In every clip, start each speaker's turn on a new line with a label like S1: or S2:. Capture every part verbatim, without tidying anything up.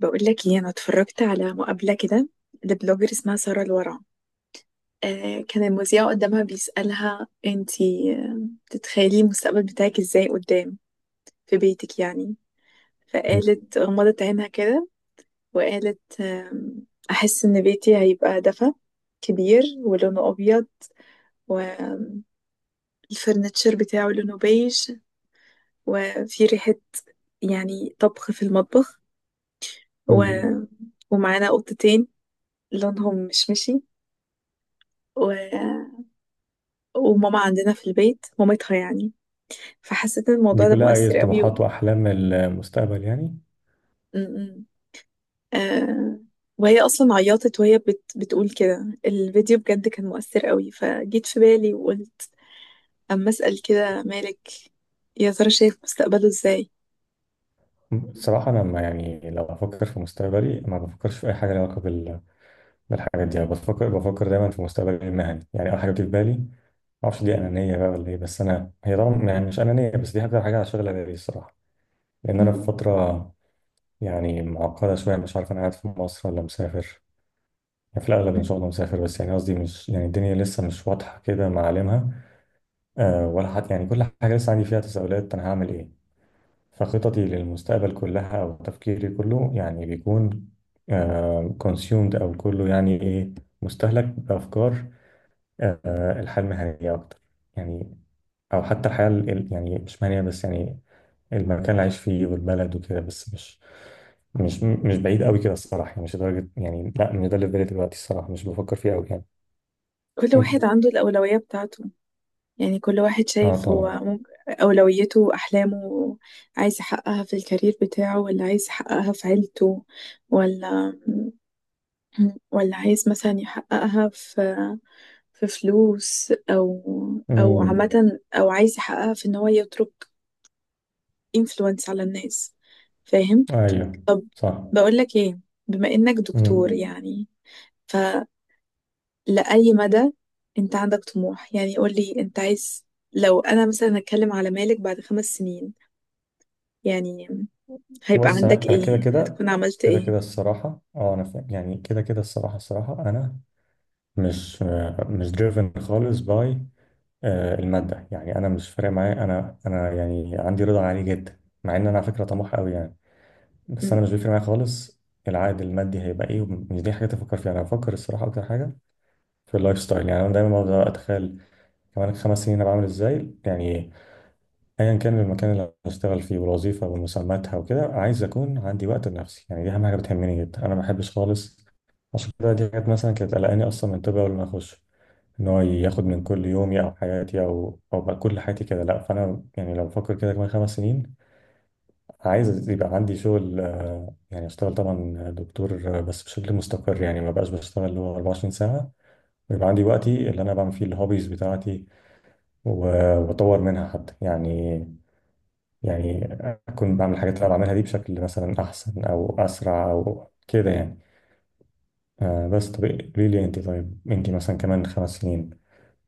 S1: بقول لك ايه، انا اتفرجت على مقابله كده لبلوجر اسمها ساره الورع. آه كان المذيع قدامها بيسالها انتي، آه، تتخيلي المستقبل بتاعك ازاي قدام في بيتك يعني. فقالت غمضت عينها كده وقالت، آم، احس ان بيتي هيبقى دفا كبير ولونه ابيض، والفرنتشر بتاعه لونه بيج، وفي ريحه يعني طبخ في المطبخ، و...
S2: مم.
S1: ومعانا قطتين لونهم مشمشي، و... وماما عندنا في البيت مامتها يعني. فحسيت ان
S2: دي
S1: الموضوع ده
S2: كلها أي
S1: مؤثر قوي
S2: طموحات
S1: و...
S2: وأحلام المستقبل يعني.
S1: م-م. آه... وهي اصلا عيطت وهي بت... بتقول كده. الفيديو بجد كان مؤثر قوي، فجيت في بالي وقلت اما اسال كده مالك يا ترى شايف مستقبله ازاي.
S2: الصراحة أنا، ما يعني، لو بفكر في مستقبلي ما بفكرش في أي حاجة لها علاقة بال- بالحاجات دي. أنا بفكر بفكر دايما في مستقبلي المهني، يعني أول حاجة بتيجي في بالي. معرفش دي أنانية بقى ولا إيه، بس أنا، هي طبعا يعني مش أنانية، بس دي أكتر حاجة شغلة بالي الصراحة. لأن أنا في
S1: مم.
S2: فترة يعني معقدة شوية، مش عارف أنا قاعد في مصر ولا مسافر. يعني في الأغلب إن
S1: مم.
S2: شاء الله مسافر، بس يعني قصدي، مش يعني، الدنيا لسه مش واضحة كده معالمها. أه، ولا حتى يعني كل حاجة لسه عندي فيها تساؤلات، أنا هعمل إيه. فخططي للمستقبل كلها، أو تفكيري كله، يعني بيكون كونسيومد، أو كله يعني إيه، مستهلك بأفكار. آه، الحياة المهنية أكتر يعني، أو حتى الحياة ال- ال- يعني مش مهنية، بس يعني المكان اللي عايش فيه والبلد وكده. بس مش مش مش بعيد قوي كده الصراحة، يعني مش لدرجة، يعني لا، مش ده اللي في بالي دلوقتي، الصراحة مش بفكر فيه قوي يعني.
S1: كل
S2: أنت.
S1: واحد عنده الأولوية بتاعته، يعني كل واحد
S2: آه
S1: شايف هو
S2: طبعا.
S1: ممكن أولويته وأحلامه عايز يحققها في الكارير بتاعه، ولا عايز يحققها في عيلته، ولا مم. ولا عايز مثلا يحققها في في فلوس، او او
S2: أمم،
S1: عامة، او عايز يحققها في ان هو يترك انفلونس على الناس. فاهم؟
S2: أيوه
S1: طب،
S2: صح.
S1: بقول لك ايه، بما انك دكتور
S2: أمم.
S1: يعني، فلأي مدى انت عندك طموح؟ يعني قول لي انت عايز، لو انا مثلا هتكلم على مالك بعد خمس سنين يعني، هيبقى
S2: بص، انا
S1: عندك
S2: انا كده
S1: ايه؟
S2: كده
S1: هتكون عملت
S2: كده
S1: ايه؟
S2: كده الصراحه. اه انا فاهم، يعني كده كده الصراحه الصراحه انا مش آه، مش دريفن خالص باي الماده. يعني انا مش فارق معايا، انا انا يعني عندي رضا عالي جدا، مع ان انا على فكره طموح قوي يعني. بس انا
S1: مم.
S2: مش بيفرق معايا خالص العائد المادي هيبقى ايه، ومش دي حاجه تفكر فيها. انا بفكر الصراحه اكتر حاجه في اللايف ستايل. يعني انا دايما بقعد اتخيل كمان خمس سنين انا بعمل ازاي يعني. ايا كان المكان اللي هشتغل فيه والوظيفه ومسماتها وكده، عايز اكون عندي وقت لنفسي. يعني دي اهم حاجه بتهمني جدا. انا ما بحبش خالص، عشان كده دي حاجات مثلا كانت قلقاني اصلا من، طب اول ما اخش، ان هو ياخد من كل يومي او حياتي او او بقى كل حياتي كده. لا، فانا يعني لو بفكر كده كمان خمس سنين، عايز يبقى عندي شغل، آه، يعني اشتغل طبعا دكتور، آه، بس بشكل مستقر. يعني ما بقاش بشتغل اللي هو اربعه وعشرين ساعه، ويبقى عندي وقتي اللي انا بعمل فيه الهوبيز بتاعتي، و- واطور منها حتى يعني. يعني أكون بعمل الحاجات اللي أنا بعملها دي بشكل مثلا أحسن أو أسرع أو كده يعني. آه بس طب قولي لي أنت، طيب أنت مثلا كمان خمس سنين،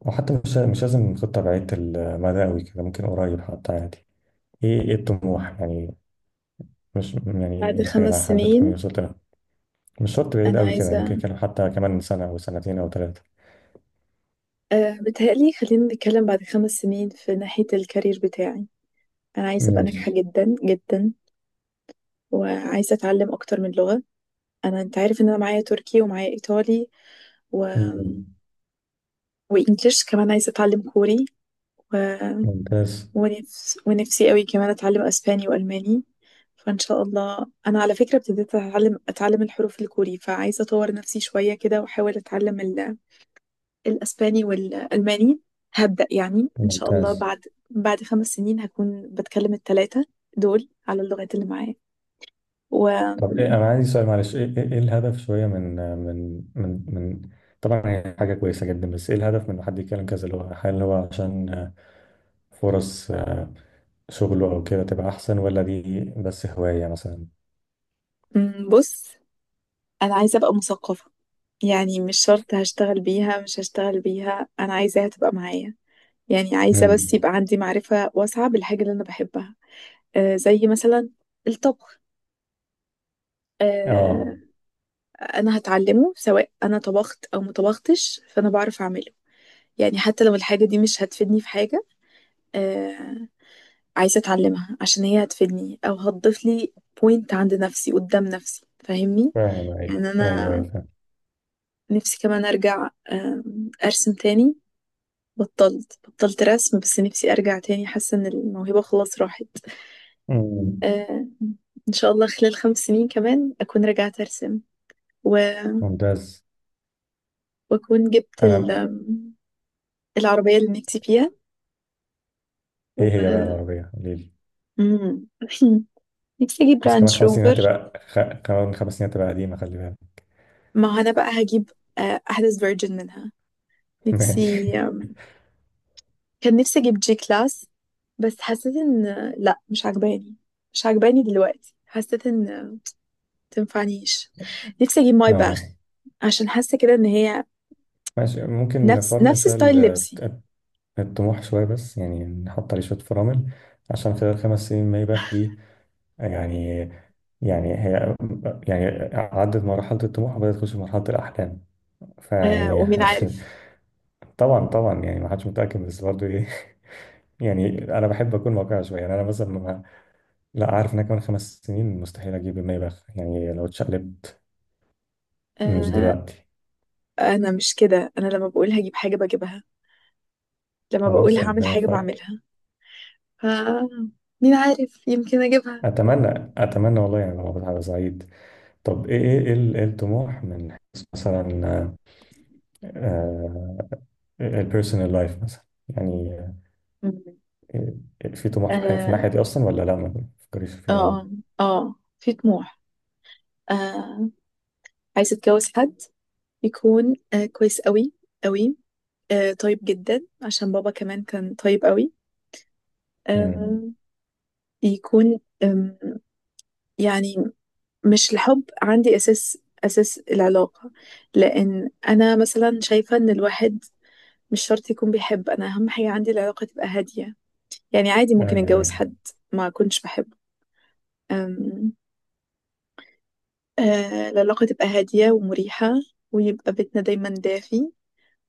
S2: وحتى مش مش لازم خطة بعيدة المدى أوي كده، ممكن قريب حتى عادي. إيه إيه الطموح يعني، مش يعني
S1: بعد
S2: الحاجة
S1: خمس
S2: اللي حابة
S1: سنين
S2: تكوني وصلت لها، مش شرط بعيد
S1: انا
S2: أوي كده، ممكن
S1: عايزة،
S2: كان حتى كمان سنة أو سنتين أو ثلاثة.
S1: أه بتهيألي خلينا نتكلم بعد خمس سنين في ناحية الكارير بتاعي. أنا عايزة أبقى ناجحة
S2: ماشي.
S1: جدا جدا، وعايزة أتعلم أكتر من لغة. أنا، أنت عارف إن أنا معايا تركي ومعايا إيطالي و...
S2: مم.
S1: وإنجليش، كمان عايزة أتعلم كوري و...
S2: ممتاز.
S1: ونفس... ونفسي قوي كمان أتعلم أسباني وألماني. فإن شاء الله أنا على فكرة ابتديت أتعلم أتعلم الحروف الكوري، فعايزة أطور نفسي شوية كده وأحاول أتعلم الأسباني والألماني. هبدأ يعني إن شاء الله
S2: ممتاز.
S1: بعد بعد خمس سنين هكون بتكلم التلاتة دول على اللغات اللي معايا.
S2: طب إيه،
S1: وبص،
S2: انا عندي سؤال معلش، ايه ايه إيه الهدف شويه من من من من طبعا هي حاجه كويسه جدا، بس ايه الهدف من إن حد يتكلم كذا، اللي هو هل هو عشان آه، فرص آه، شغله او كده تبقى احسن، ولا دي بس هوايه مثلا.
S1: أنا عايزة أبقى مثقفة، يعني مش شرط هشتغل بيها، مش هشتغل بيها، أنا عايزاها تبقى معايا. يعني عايزة بس
S2: امم.
S1: يبقى عندي معرفة واسعة بالحاجة اللي أنا بحبها، آه زي مثلا الطبخ.
S2: اه
S1: آه، أنا هتعلمه سواء أنا طبخت أو ما طبختش، فأنا بعرف أعمله. يعني حتى لو الحاجة دي مش هتفيدني في حاجة، آه، عايزة اتعلمها عشان هي هتفيدني او هتضيف لي بوينت عند نفسي قدام نفسي. فاهمني؟
S2: فاهم، ايوه
S1: يعني
S2: ايوه
S1: انا
S2: ايوه فاهم.
S1: نفسي كمان ارجع آم، ارسم تاني. بطلت بطلت رسم، بس نفسي ارجع تاني، حاسة ان الموهبة خلاص راحت.
S2: أمم،
S1: آه، ان شاء الله خلال خمس سنين كمان اكون رجعت ارسم، و-
S2: ممتاز.
S1: واكون جبت ال-
S2: انا.
S1: آم، العربية اللي نفسي فيها و...
S2: ايه هي بقى العربيه قولي لي.
S1: مم. نفسي اجيب
S2: بس كمان
S1: رانج
S2: خمس سنين
S1: روفر.
S2: هتبقى خ... كمان خمس سنين هتبقى قديمه، خلي بالك.
S1: ما هو انا بقى هجيب آه، احدث فيرجن منها.
S2: ماشي.
S1: نفسي، كان نفسي اجيب جي كلاس، بس حسيت ان لا مش عجباني. مش عجباني دلوقتي، حسيت ان تنفعنيش. نفسي اجيب ماي باخ،
S2: اه.
S1: عشان حاسه كده ان هي
S2: ماشي، ممكن
S1: نفس
S2: نفرمل
S1: نفس
S2: شويه
S1: ستايل لبسي.
S2: الطموح شوية، بس يعني نحط عليه شوية فرامل، عشان خلال خمس سنين ما يبقى دي، يعني، يعني هي، يعني عدت مرحلة الطموح وبدأت تخش في مرحلة الأحلام،
S1: آه،
S2: فيعني.
S1: ومين عارف؟
S2: طبعا طبعا يعني ما حدش متأكد، بس برضه إيه. يعني أنا بحب أكون واقعي شوية، يعني أنا مثلا ما، لا، عارف إن أنا كمان خمس سنين مستحيل أجيب المايباخ يعني، لو اتشقلبت مش
S1: آه
S2: دلوقتي.
S1: انا مش كده، انا لما بقول هجيب حاجه بجيبها، لما بقول
S2: خلاص
S1: هعمل
S2: ربنا
S1: حاجه
S2: يوفقك.
S1: بعملها. ف مين عارف، يمكن اجيبها.
S2: أتمنى أتمنى والله، يعني لو ببقى سعيد. طب إيه إيه إيه ال- إيه الطموح من حيث مثلا، آه، البيرسونال لايف مثلا يعني.
S1: مم.
S2: آه، في طموح في حي- في
S1: اه،
S2: الناحية دي أصلا، ولا لا ما بتفكريش فيها أوي.
S1: اه، اه، في طموح. آه عايزه اتجوز حد يكون آه كويس قوي قوي، آه طيب جدا عشان بابا كمان كان طيب قوي.
S2: أمم،
S1: آه يكون آم، يعني مش الحب عندي أساس، أساس العلاقة. لأن أنا مثلا شايفة إن الواحد مش شرط يكون بيحب. أنا أهم حاجة عندي العلاقة تبقى هادية، يعني عادي
S2: أيوه
S1: ممكن أتجوز
S2: أيوه.
S1: حد ما كنتش بحبه، آم، آه العلاقة تبقى هادية ومريحة، ويبقى بيتنا دايما دافي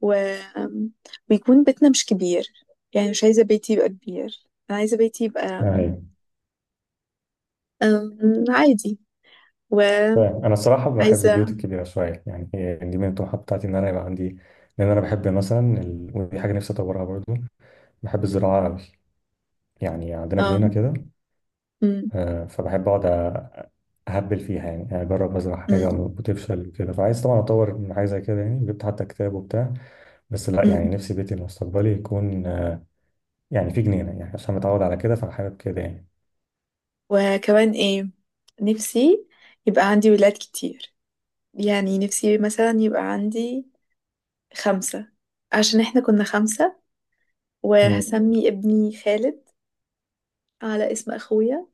S1: و... آم، ويكون بيتنا مش كبير. يعني مش عايزة بيتي يبقى كبير، أنا عايزة بيتي
S2: آه،
S1: يبقى
S2: أيوه
S1: أم، عادي. وعايزة
S2: فاهم. أنا الصراحة بحب البيوت الكبيرة شوية، يعني هي دي من الطموحات بتاعتي إن أنا يبقى عندي. لأن أنا بحب مثلا ال... ودي حاجة نفسي أطورها برضو، بحب الزراعة أوي يعني. عندنا
S1: اه
S2: جنينة كده،
S1: أم،
S2: آه، فبحب أقعد أ- أهبل فيها يعني، آه، أجرب أزرع
S1: أم،
S2: حاجة وتفشل وكده، فعايز طبعا أطور من حاجة زي كده يعني، جبت حتى كتاب وبتاع. بس لا، يعني
S1: أم.
S2: نفسي بيتي المستقبلي يكون، آه، يعني في جنينة، يعني عشان متعود على كده، فحابب كده يعني.
S1: وكمان ايه، نفسي يبقى عندي ولاد كتير. يعني نفسي مثلا يبقى عندي خمسة، عشان احنا كنا خمسة.
S2: مم.
S1: وهسمي ابني خالد على اسم اخويا،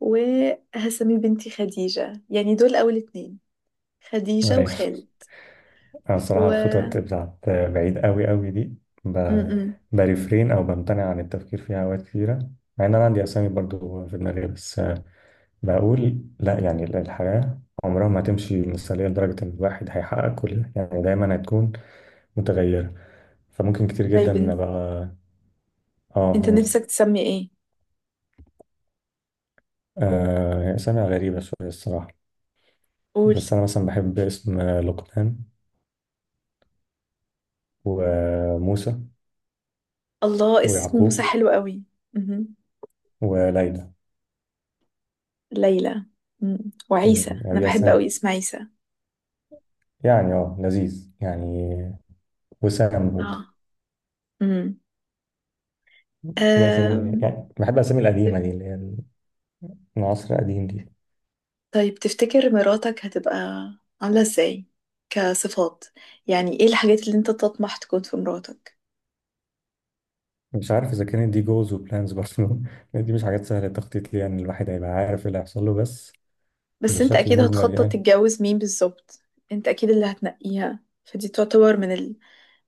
S1: وهسمي بنتي خديجة. يعني دول اول اتنين، خديجة
S2: أيوة.
S1: وخالد
S2: أنا الصراحة الخطط
S1: و
S2: بتاعت بعيد أوي أوي دي
S1: أم،
S2: ب...
S1: أم.
S2: بريفرين أو بمتنع عن التفكير فيها أوقات كتيرة، مع إن أنا عندي أسامي برضو في دماغي. بس بقول لا، يعني الحياة عمرها ما هتمشي مثالية لدرجة إن الواحد هيحقق كل، يعني دايما هتكون متغيرة، فممكن كتير جدا
S1: طيب،
S2: إن
S1: انت
S2: أبقى آه
S1: انت
S2: أقول.
S1: نفسك تسمي ايه؟
S2: آه هي أسامي غريبة شوية الصراحة،
S1: قول.
S2: بس أنا مثلا بحب اسم لقمان وموسى
S1: الله، اسم موسى
S2: ويعقوب
S1: حلو قوي. مهم.
S2: وليلى.
S1: ليلى. مم،
S2: مم.
S1: وعيسى، انا بحب قوي
S2: ياسمين،
S1: اسم عيسى.
S2: يعني اه لذيذ يعني، وسام برضه.
S1: اه. مم.
S2: دي أسامي
S1: أم...
S2: يعني، بحب الأسامي القديمة
S1: تف-
S2: دي اللي هي من عصر قديم دي.
S1: طيب، تفتكر مراتك هتبقى عاملة ازاي كصفات؟ يعني ايه الحاجات اللي انت تطمح تكون في مراتك؟
S2: مش عارف إذا كانت دي جولز وبلانز برضه، دي مش حاجات سهلة التخطيط ليها، يعني الواحد هيبقى عارف إيه اللي هيحصل له، بس
S1: بس انت
S2: بشكل
S1: اكيد
S2: مجمل
S1: هتخطط
S2: يعني.
S1: تتجوز مين بالظبط، انت اكيد اللي هتنقيها، فدي تعتبر من ال...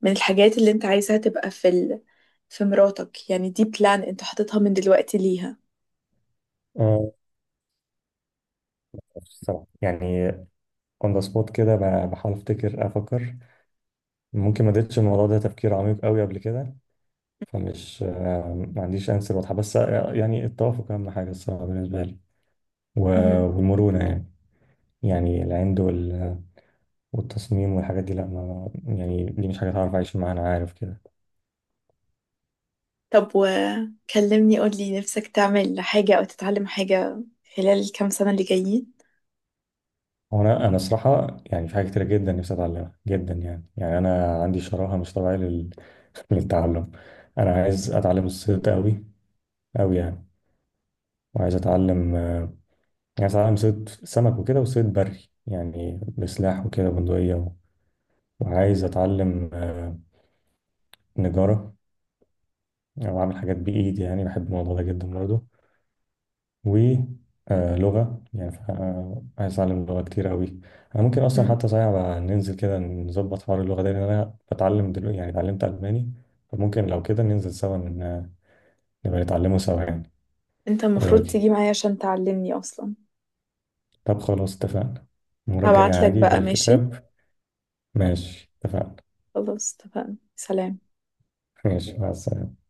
S1: من الحاجات اللي انت عايزها تبقى في ال... في مراتك. يعني دي بلان انت حاططها من دلوقتي ليها.
S2: آه، الصراحة يعني اون ذا سبوت كده، ب- بحاول أفتكر أفكر، ممكن ما اديتش الموضوع ده تفكير عميق قوي قبل كده، فمش آه، ما عنديش أنسر واضحة، بس آه، يعني التوافق أهم حاجة الصراحة بالنسبة لي، و-
S1: مهم.
S2: والمرونة يعني. يعني العند وال- والتصميم والحاجات دي لا، ما يعني دي مش حاجة هعرف أعيش معاها، أنا عارف كده.
S1: طب، وكلمني، قولي نفسك تعمل حاجة أو تتعلم حاجة خلال الكام سنة اللي جايين؟
S2: وأنا أنا صراحة يعني في حاجات كتيرة جدا نفسي أتعلمها جدا، يعني يعني أنا عندي شراهة مش طبيعية لل... للتعلم. أنا عايز أتعلم الصيد أوي أوي يعني، وعايز أتعلم، آه، عايز أتعلم صيد سمك وكده وصيد بري، يعني بسلاح وكده بندقية و... وعايز أتعلم آه، نجارة، أو أعمل حاجات بإيدي، يعني بحب الموضوع ده جدا برضه. ولغة يعني ف- آه، عايز أتعلم لغة كتير أوي. أنا ممكن أصلا
S1: مم.
S2: حتى صحيح بقى، ننزل كده نظبط حوار اللغة ده، لأن أنا بتعلم دلوقتي يعني اتعلمت ألماني. فممكن لو كده ننزل سوا ن- نبقى نتعلمه سوا يعني.
S1: انت
S2: إيه
S1: المفروض
S2: رأيك؟
S1: تيجي معايا عشان تعلمني أصلا.
S2: طب خلاص اتفقنا، المرة الجاية
S1: هبعتلك
S2: هاجي
S1: بقى، ماشي؟
S2: بالكتاب. ماشي اتفقنا.
S1: خلاص اتفقنا. سلام.
S2: ماشي مع السلامة.